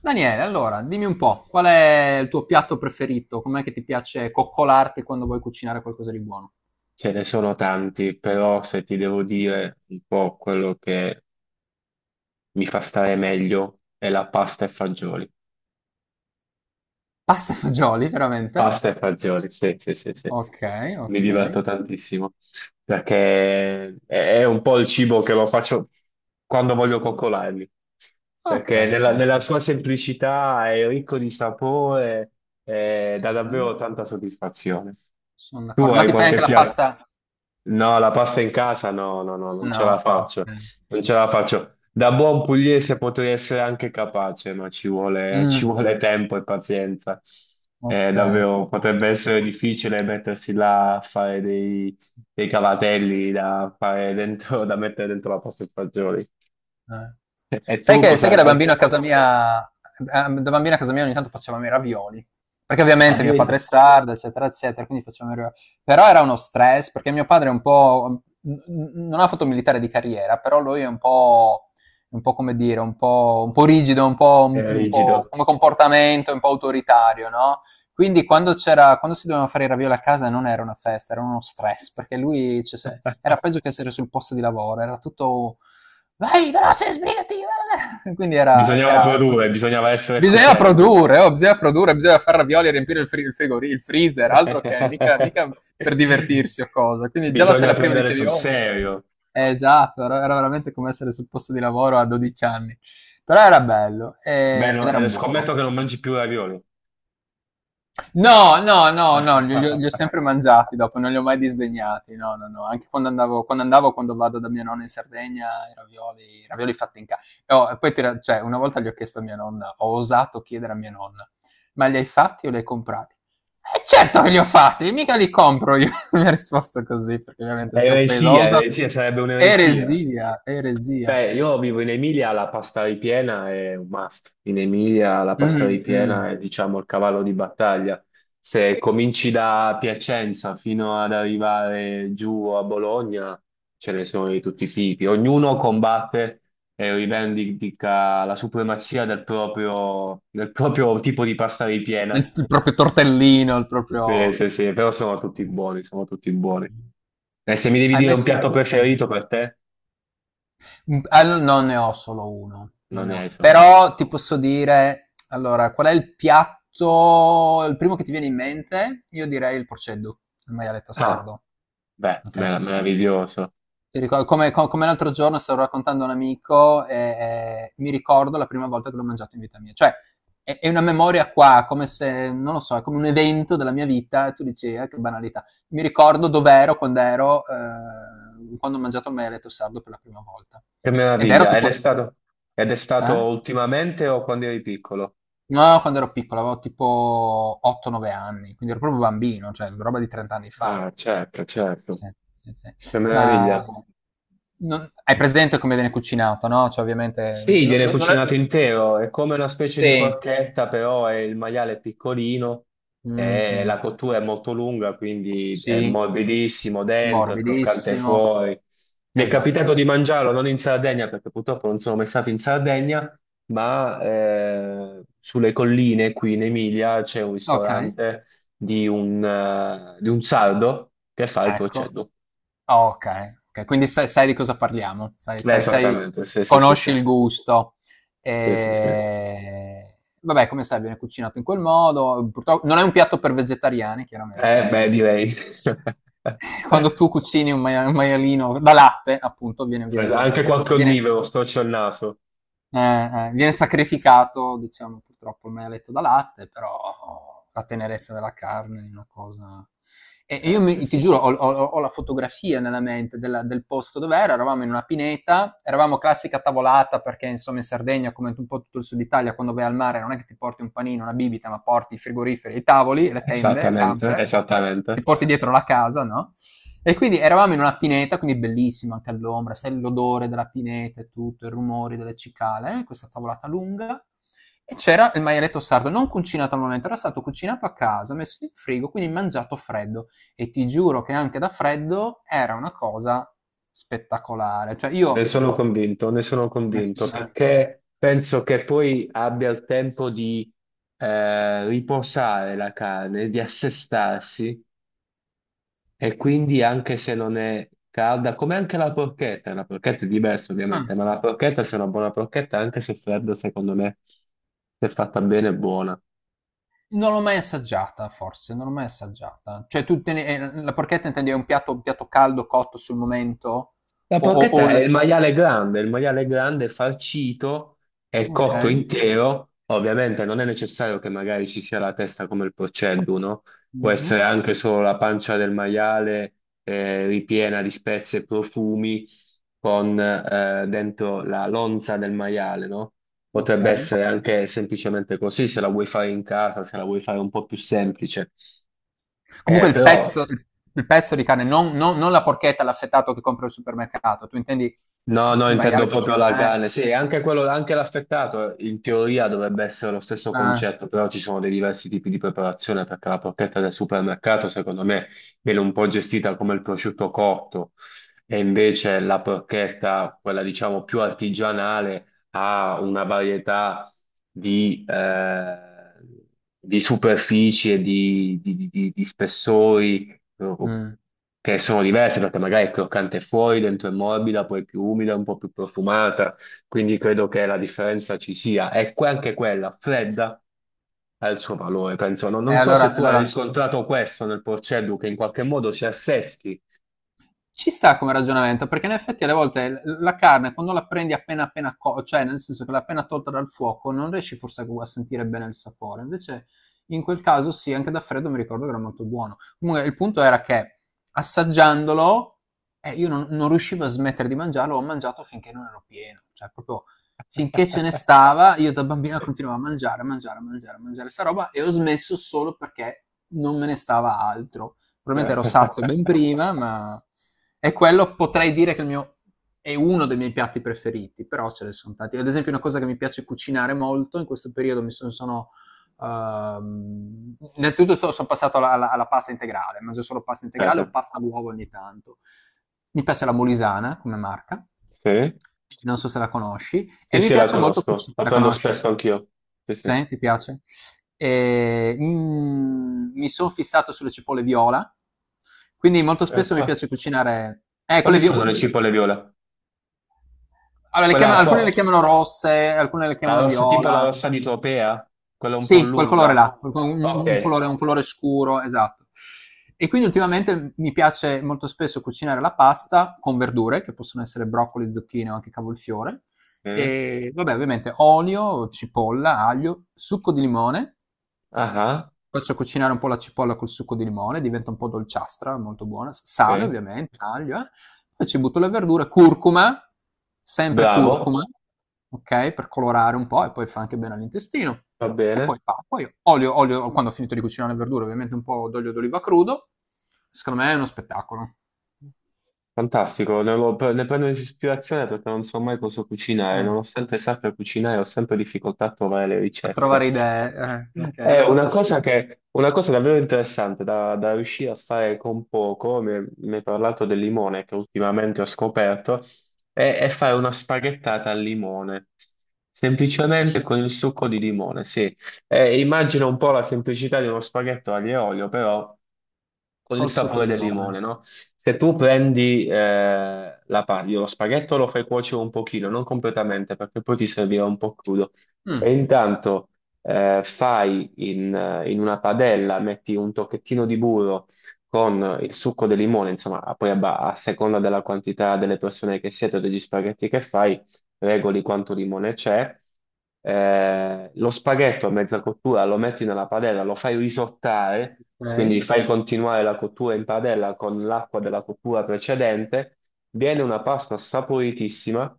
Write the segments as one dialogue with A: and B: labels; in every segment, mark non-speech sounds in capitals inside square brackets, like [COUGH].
A: Daniele, allora, dimmi un po', qual è il tuo piatto preferito? Com'è che ti piace coccolarti quando vuoi cucinare qualcosa di buono?
B: Ce ne sono tanti, però se ti devo dire un po' quello che mi fa stare meglio è la pasta e fagioli.
A: Pasta e fagioli, veramente?
B: Pasta e fagioli, sì, sì, sì, sì.
A: Ok,
B: Mi
A: ok.
B: diverto tantissimo perché è un po' il cibo che lo faccio quando voglio coccolarmi,
A: Ok,
B: perché nella,
A: ok.
B: nella sua semplicità è ricco di sapore e dà
A: Sì,
B: davvero tanta soddisfazione.
A: sono
B: Tu
A: d'accordo.
B: La
A: Ma
B: hai pasta
A: ti fai
B: qualche
A: anche
B: in
A: la
B: piatto? Casa.
A: pasta?
B: No, la pasta in casa no, no, no, non ce la
A: No,
B: faccio,
A: ok.
B: non ce la faccio. Da buon pugliese potrei essere anche capace, ma ci vuole, [LAUGHS] ci
A: Mm,
B: vuole tempo e pazienza.
A: ok.
B: Davvero, potrebbe essere difficile mettersi là a fare dei cavatelli da mettere dentro la pasta e fagioli. [LAUGHS]
A: Eh.
B: E tu
A: Sai che
B: cos'hai?
A: da bambino a casa mia ogni tanto facevamo i ravioli, perché ovviamente mio padre è
B: Addirittura
A: sardo, eccetera, eccetera, quindi facevamo i ra però era uno stress, perché mio padre è un po' n n non ha fatto un militare di carriera, però lui è un po' come dire, un po' rigido, un po' un
B: è
A: un po'
B: rigido.
A: come comportamento, un po' autoritario, no, quindi quando si dovevano fare i ravioli a casa non era una festa, era uno stress, perché lui, cioè, se era peggio che
B: [LAUGHS]
A: essere sul posto di lavoro, era tutto vai veloce, sbrigati. [LAUGHS] Quindi era,
B: Bisognava
A: era, era questo,
B: produrre,
A: sì.
B: bisognava essere
A: Bisogna
B: efficienti.
A: produrre, oh, bisogna produrre, bisogna fare ravioli e riempire il, fri- il, frigori- il freezer, altro che mica per
B: [LAUGHS]
A: divertirsi o cosa. Quindi già la
B: Bisogna
A: sera prima
B: prendere
A: dicevi,
B: sul
A: oh,
B: serio.
A: esatto, veramente come essere sul posto di lavoro a 12 anni. Però era bello,
B: Beh,
A: ed
B: no,
A: erano buoni.
B: scommetto che non mangi più ravioli.
A: No, no, no, no, li ho
B: [LAUGHS]
A: sempre mangiati dopo, non li ho mai disdegnati. No, no, no, anche quando vado da mia nonna in Sardegna i ravioli fatti in ca oh, e poi ti ra cioè una volta gli ho chiesto a mia nonna, ho osato chiedere a mia nonna: "Ma li hai fatti o li hai comprati?" "Eh, certo che li ho fatti, mica li compro io." [LAUGHS] Mi ha risposto così, perché ovviamente si è offesa. Ho
B: Eresia,
A: usa
B: eresia, sarebbe un'eresia.
A: Eresia, eresia.
B: Beh, io vivo in Emilia, la pasta ripiena è un must. In Emilia la pasta
A: Mh, mh.
B: ripiena è, diciamo, il cavallo di battaglia. Se cominci da Piacenza fino ad arrivare giù a Bologna, ce ne sono di tutti i tipi. Ognuno combatte e rivendica la supremazia del proprio tipo di pasta ripiena.
A: Il proprio tortellino, il
B: Sì,
A: proprio.
B: sì, sì, però sono tutti buoni, sono tutti buoni.
A: Mm-hmm.
B: E se mi devi
A: Hai
B: dire
A: mai
B: un
A: sen
B: piatto
A: Mh.
B: preferito per te,
A: Non ne ho solo uno, non
B: non
A: ne
B: ne
A: ho.
B: hai solo uno.
A: Però ti posso dire, allora, qual è il piatto, il primo che ti viene in mente? Io direi il porceddu, il maialetto
B: Ah,
A: sardo.
B: beh,
A: Ok?
B: meraviglioso.
A: Ti ricor- come, co- come l'altro giorno stavo raccontando a un amico e mi ricordo la prima volta che l'ho mangiato in vita mia. Cioè, è una memoria qua, come se, non lo so, è come un evento della mia vita e tu dici: "Ah, che banalità. Mi ricordo dov'ero quando ho mangiato il maialetto sardo per la prima volta."
B: Che
A: Ed ero
B: meraviglia. Ed è
A: tipo...
B: stato, ed è stato
A: Eh?
B: ultimamente o quando eri piccolo?
A: No, quando ero piccolo, avevo tipo 8, 9 anni, quindi ero proprio bambino, cioè roba di 30 anni fa.
B: Ah, certo, certo.
A: Sì, sì, sì.
B: Che
A: Ma
B: meraviglia.
A: non hai presente come viene cucinato, no? Cioè ovviamente
B: Sì,
A: no,
B: viene
A: no, non è
B: cucinato intero, è come una specie di
A: sì,
B: porchetta, però è il maiale è piccolino e
A: mh-mh,
B: la cottura è molto lunga, quindi è
A: sì,
B: morbidissimo dentro, è croccante
A: morbidissimo.
B: fuori. Mi è
A: Esatto.
B: capitato di mangiarlo non in Sardegna, perché purtroppo non sono mai stato in Sardegna, ma sulle colline qui in Emilia c'è un
A: Okay,
B: ristorante di un sardo che fa il
A: ecco.
B: proceduto.
A: Oh, okay, okay. Quindi sai di cosa parliamo, sai sai sai
B: Esattamente, sì, sì, sì,
A: conosci
B: sì,
A: il gusto.
B: sì, sì, sì.
A: Ehm, Vabbè, come sai viene cucinato in quel modo, purtro non è un piatto per vegetariani chiaramente,
B: Beh,
A: perché
B: direi. [LAUGHS]
A: quando tu cucini un maialino da latte, appunto,
B: Guarda, anche qua connivoro, storce il naso.
A: viene sacrificato, diciamo, purtroppo il maialetto da latte, però la tenerezza della carne è una cosa... E io,
B: Sì,
A: ti
B: sì,
A: giuro,
B: sì.
A: ho la fotografia nella mente del posto dove era, eravamo in una pineta, eravamo classica tavolata perché insomma in Sardegna, come un po' tutto il sud Italia, quando vai al mare non è che ti porti un panino, una bibita, ma porti i frigoriferi, i tavoli, le tende, il
B: Esattamente,
A: camper,
B: esattamente.
A: ti porti dietro la casa, no? E quindi eravamo in una pineta, quindi bellissima anche all'ombra, sai l'odore della pineta e tutto, i rumori delle cicale, questa tavolata lunga. E c'era il maialetto sardo, non cucinato al momento, era stato cucinato a casa, messo in frigo, quindi mangiato freddo. E ti giuro che anche da freddo era una cosa spettacolare. Cioè io,
B: Ne sono convinto, perché penso che poi abbia il tempo di riposare la carne, di assestarsi, e quindi anche se non è calda, come anche la porchetta è diversa
A: ah,
B: ovviamente, ma la porchetta, se è una buona porchetta, anche se fredda, secondo me, se fatta bene, è buona.
A: non l'ho mai assaggiata, forse, non l'ho mai assaggiata. Cioè la porchetta intendi è un piatto caldo cotto sul momento?
B: La
A: O, o, o
B: porchetta è
A: le-
B: il maiale grande farcito e
A: Ok.
B: cotto intero. Ovviamente non è necessario che magari ci sia la testa come il porcello, no? Può
A: Mh-mh,
B: essere anche solo la pancia del maiale ripiena di spezie e profumi con dentro la lonza del maiale, no? Potrebbe
A: okay.
B: essere anche semplicemente così, se la vuoi fare in casa, se la vuoi fare un po' più semplice.
A: Comunque il
B: Però.
A: pezzo il il pezzo di carne, non la porchetta, l'affettato che compri al supermercato, tu intendi
B: No,
A: il
B: no, intendo
A: maiale
B: proprio
A: cucina
B: la carne. Sì, anche quello, anche l'affettato in teoria dovrebbe essere lo stesso
A: eh,
B: concetto, però ci sono dei diversi tipi di preparazione perché la porchetta del supermercato, secondo me, viene un po' gestita come il prosciutto cotto e invece la porchetta, quella diciamo più artigianale, ha una varietà di, eh, di superfici e di spessori
A: mh.
B: che sono diverse perché magari è croccante fuori, dentro è morbida, poi è più umida, un po' più profumata, quindi credo che la differenza ci sia. Anche quella fredda ha il suo valore, penso. Non,
A: E
B: non so se
A: allora e
B: tu hai
A: allora
B: riscontrato questo nel Porceddu, che in qualche modo si assesti.
A: ci sta come ragionamento, perché in effetti alle volte la carne quando la prendi appena appena cioè nel senso che l'hai appena tolta dal fuoco, non riesci forse a sentire bene il sapore. Invece in quel caso sì, anche da freddo mi ricordo che era molto buono. Comunque il punto era che assaggiandolo, io non riuscivo a smettere di mangiarlo, ho mangiato finché non ero pieno, cioè proprio finché ce ne stava, io da bambina continuavo a mangiare, a mangiare, a mangiare, a mangiare sta roba e ho smesso solo perché non me ne stava altro.
B: [LAUGHS]
A: Probabilmente ero sazio
B: Aspetta.
A: ben prima, e quello potrei dire che il mio, è uno dei miei piatti preferiti, però ce ne sono tanti. Ad esempio, una cosa che mi piace cucinare molto in questo periodo mi sono. Sono innanzitutto sono passato alla pasta integrale, mangio solo pasta integrale o pasta all'uovo ogni tanto. Mi piace la Molisana come marca,
B: Sì?
A: non so se la conosci,
B: Sì,
A: e mi
B: sì, la
A: piace molto
B: conosco,
A: cucinare.
B: la
A: La
B: prendo
A: conosci?
B: spesso anch'io. Sì, sì.
A: Sì, ti piace? E, mi sono fissato sulle cipolle viola, quindi molto spesso mi
B: Qua.
A: piace cucinare...
B: Quali sono le cipolle viola?
A: Allora,
B: Quella a
A: alcune le
B: to-.
A: chiamano rosse, alcune le
B: La
A: chiamano
B: rossa, tipo la
A: viola.
B: rossa di Tropea, quella un po'
A: Sì, quel colore
B: lunga.
A: là, quel co-
B: Ok.
A: un colore scuro, esatto. E quindi ultimamente mi piace molto spesso cucinare la pasta con verdure, che possono essere broccoli, zucchine o anche cavolfiore,
B: Mm.
A: e vabbè ovviamente olio, cipolla, aglio, succo di limone.
B: Ah, ah.
A: Faccio cucinare un po' la cipolla col succo di limone, diventa un po' dolciastra, molto buona, sale
B: Sì.
A: ovviamente, aglio. Poi ci butto la verdura, curcuma, sempre
B: Bravo,
A: curcuma, ok? Per colorare un po' e poi fa anche bene all'intestino.
B: va
A: E
B: bene.
A: poi, poi olio, quando ho finito di cucinare le verdure, ovviamente un po' d'olio d'oliva crudo. Secondo me è uno spettacolo.
B: Fantastico, ne prendo ispirazione perché non so mai cosa cucinare,
A: Mm.
B: nonostante sappia cucinare ho sempre difficoltà a trovare le
A: A
B: ricette.
A: trovare idee, ok,
B: È
A: alle volte sì.
B: una cosa davvero interessante da riuscire a fare con poco, mi hai parlato del limone che ultimamente ho scoperto, è fare una spaghettata al limone, semplicemente
A: Su-
B: con il succo di limone, sì. Immagino un po' la semplicità di uno spaghetto aglio e olio, però con il
A: Col succo
B: sapore
A: di
B: del limone,
A: limone.
B: no? Se tu prendi la paglia, lo spaghetto lo fai cuocere un pochino, non completamente, perché poi ti servirà un po' crudo
A: Mm,
B: e intanto in una padella, metti un tocchettino di burro con il succo del limone, insomma, poi a seconda della quantità delle persone che siete o degli spaghetti che fai, regoli quanto limone c'è. Lo spaghetto a mezza cottura lo metti nella padella, lo fai risottare, quindi
A: ok.
B: fai continuare la cottura in padella con l'acqua della cottura precedente. Viene una pasta saporitissima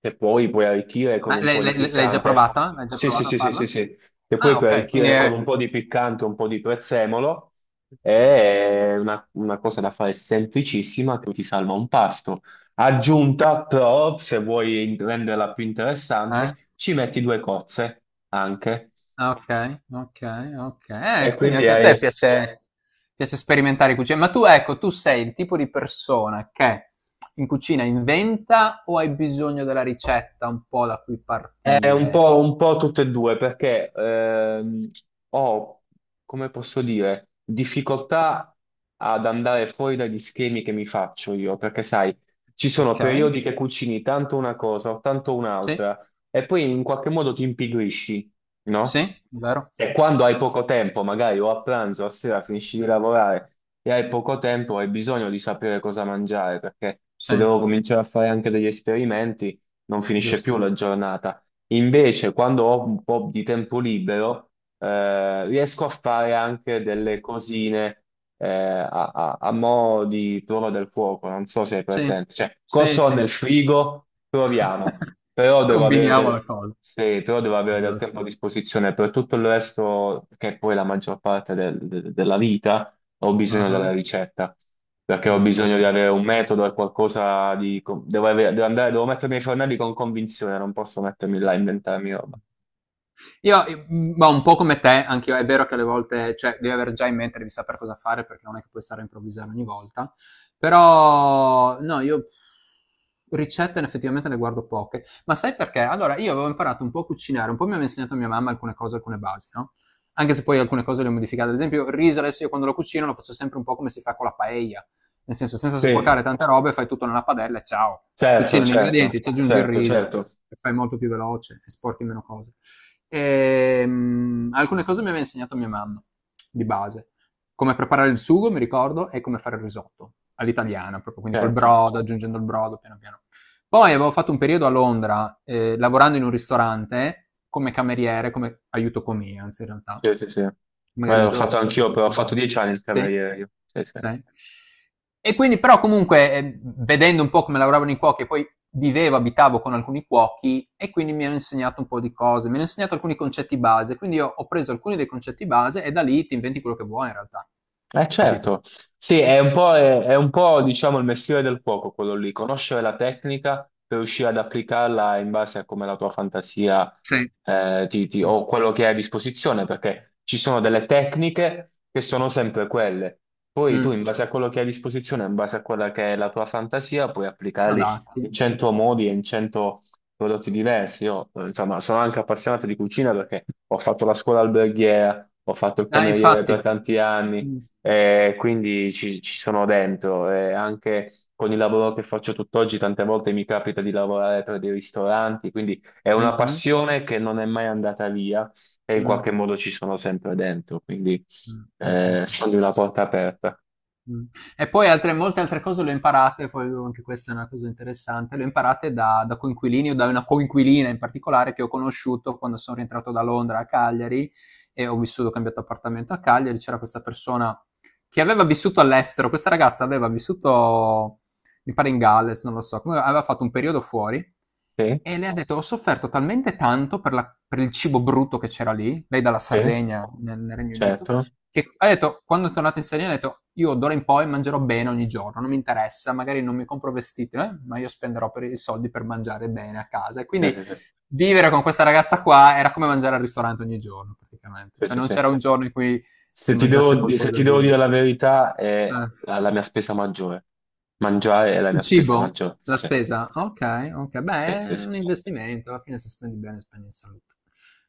B: e poi puoi arricchire con
A: Ma
B: un po' di
A: l'hai già
B: piccante.
A: provata? L'hai già
B: Sì, sì,
A: provata a
B: sì, sì, sì,
A: farla?
B: sì. E poi
A: Ah,
B: puoi
A: ok, quindi
B: arricchire con
A: è...
B: un po' di piccante, un po' di prezzemolo. È una cosa da fare semplicissima che ti salva un pasto. Aggiunta, però, se vuoi renderla più
A: Eh?
B: interessante, ci metti due cozze anche.
A: Ah, ok, ok, ok.
B: E
A: Quindi
B: quindi
A: anche a
B: hai.
A: te piace, sperimentare cucina. Ma tu, ecco, tu sei il tipo di persona che in cucina inventa o hai bisogno della ricetta un po' da cui
B: È un
A: partire?
B: po', un po' tutte e due, perché ho, come posso dire, difficoltà ad andare fuori dagli schemi che mi faccio io, perché sai, ci sono
A: Ok?
B: periodi che cucini tanto una cosa o tanto
A: Sì,
B: un'altra, e poi in qualche modo ti impigrisci, no?
A: sì, vero?
B: E quando hai poco tempo, magari o a pranzo o a sera finisci di lavorare e hai poco tempo, hai bisogno di sapere cosa mangiare, perché
A: Sì,
B: se devo cominciare a fare anche degli esperimenti, non finisce più
A: giusto.
B: la giornata. Invece, quando ho un po' di tempo libero, riesco a fare anche delle cosine a mo' di prova del fuoco. Non so se è
A: Sì,
B: presente. Cioè,
A: sì,
B: cosa ho
A: sì.
B: nel frigo? Proviamo.
A: [LAUGHS]
B: Però devo avere
A: Combiniamo la
B: del,
A: cosa.
B: sì, però devo avere del tempo a
A: Giusto.
B: disposizione per tutto il resto, che è poi la maggior parte della vita ho bisogno
A: Ah,
B: della ricetta, perché ho
A: ah,
B: bisogno di avere un metodo e qualcosa di... co- Devo, avere- devo andare, devo mettermi ai fornelli con convinzione, non posso mettermi
A: ok.
B: là a inventarmi roba.
A: Io, ma un po' come te, anche io, è vero che alle volte, cioè, devi avere già in mente, devi sapere cosa fare perché non è che puoi stare a improvvisare ogni volta. Però, no, io ricette effettivamente ne guardo poche. Ma sai perché? Allora, io avevo imparato un po' a cucinare, un po' mi aveva insegnato mia mamma alcune cose, alcune basi, no? Anche se poi alcune cose le ho modificate. Ad esempio, il riso adesso io quando lo cucino lo faccio sempre un po' come si fa con la paella. Nel senso, senza
B: Sì,
A: sporcare tante robe, fai tutto nella padella e ciao.
B: certo,
A: Cucini gli
B: certo,
A: ingredienti, ci aggiungi il
B: certo,
A: riso
B: certo,
A: e fai molto più veloce e sporchi meno cose. E, alcune cose mi aveva insegnato mia mamma, di base. Come preparare il sugo, mi ricordo, e come fare il risotto, all'italiana, proprio, quindi col
B: certo.
A: brodo, aggiungendo il brodo, piano piano. Poi avevo fatto un periodo a Londra, lavorando in un ristorante, come cameriere, come aiuto comia, anzi in realtà.
B: Sì, sì, sì.
A: Magari
B: Beh,
A: un
B: l'ho
A: giorno.
B: fatto anch'io, però ho fatto 10 anni il
A: Sì,
B: cameriere io. Sì, sì.
A: sì. E quindi però comunque, vedendo un po' come lavoravano i cuochi e poi vivevo, abitavo con alcuni cuochi e quindi mi hanno insegnato un po' di cose, mi hanno insegnato alcuni concetti base, quindi io ho preso alcuni dei concetti base e da lì ti inventi quello che vuoi in realtà,
B: Eh
A: capito?
B: certo, sì, è un po', diciamo il mestiere del cuoco quello lì, conoscere la tecnica per riuscire ad applicarla in base a come la tua fantasia
A: Sì, sì.
B: o quello che hai a disposizione, perché ci sono delle tecniche che sono sempre quelle. Poi tu
A: Mm,
B: in base a quello che hai a disposizione, in base a quella che è la tua fantasia, puoi applicarli
A: adatti.
B: in cento modi e in cento prodotti diversi. Io, insomma, sono anche appassionato di cucina perché ho fatto la scuola alberghiera, ho fatto il cameriere
A: Infatti.
B: per tanti anni
A: Mm,
B: e quindi ci sono dentro. E anche con il lavoro che faccio tutt'oggi, tante volte mi capita di lavorare per dei ristoranti, quindi è una
A: mhm,
B: passione che non è mai andata via e in
A: mm,
B: qualche modo ci sono sempre dentro, quindi
A: mm, mm, mm. Mm.
B: sono di una porta aperta.
A: Mh. E poi altre molte altre cose le ho imparate, poi anche questa è una cosa interessante, le ho imparate da coinquilini o da una coinquilina in particolare che ho conosciuto quando son rientrato da Londra a Cagliari e ho cambiato appartamento a Cagliari, c'era questa persona che aveva vissuto all'estero, questa ragazza aveva vissuto, mi pare in Galles, non lo so, comunque aveva fatto un periodo fuori
B: Sì,
A: e lei ha detto: "Ho sofferto talmente tanto per il cibo brutto che c'era lì", lei dalla
B: sì,
A: Sardegna nel Regno Unito,
B: certo.
A: che ha detto, quando è tornato in Sardegna, ha detto, io d'ora in poi mangerò bene ogni giorno, non mi interessa, magari non mi compro vestiti, ma io spenderò per i soldi per mangiare bene a casa. E
B: Sì,
A: quindi
B: sì, sì.
A: vivere con questa ragazza qua era come mangiare al ristorante ogni giorno, praticamente.
B: Sì,
A: Cioè
B: sì,
A: non
B: sì.
A: c'era un giorno in cui si
B: Se ti devo,
A: mangiasse
B: di- se
A: qualcosa
B: ti devo
A: di...
B: dire la verità, è
A: Eh.
B: la mia spesa maggiore. Mangiare è la
A: Il
B: mia spesa
A: cibo?
B: maggiore.
A: La
B: Sì,
A: spesa? Ok, ok. Beh,
B: sì, sì,
A: è
B: sì,
A: un investimento, alla fine se spendi bene spendi in salute.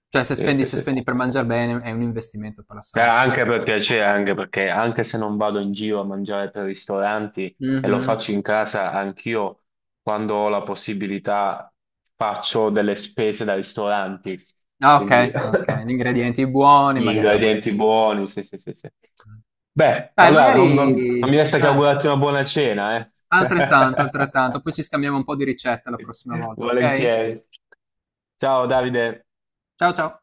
A: Cioè se
B: sì,
A: spendi,
B: sì,
A: se
B: sì, sì.
A: spendi per mangiare bene è un investimento per la salute,
B: Anche
A: ecco.
B: per piacere, anche perché anche se non vado in giro a mangiare per ristoranti e lo
A: Mhm.
B: faccio in casa, anch'io quando ho la possibilità faccio delle spese da ristoranti,
A: Ah, okay,
B: quindi
A: okay. Gli
B: [LAUGHS]
A: ingredienti buoni,
B: gli
A: magari la
B: ingredienti
A: bottiglia.
B: buoni, sì, sì, sì, sì.
A: Mh.
B: Beh,
A: Dai,
B: allora
A: magari,
B: non mi resta che augurarti una buona cena, eh.
A: altrettanto,
B: [LAUGHS]
A: altrettanto. Poi ci scambiamo un po' di ricette la prossima volta, okay?
B: Volentieri. Ciao Davide.
A: Ciao, ciao.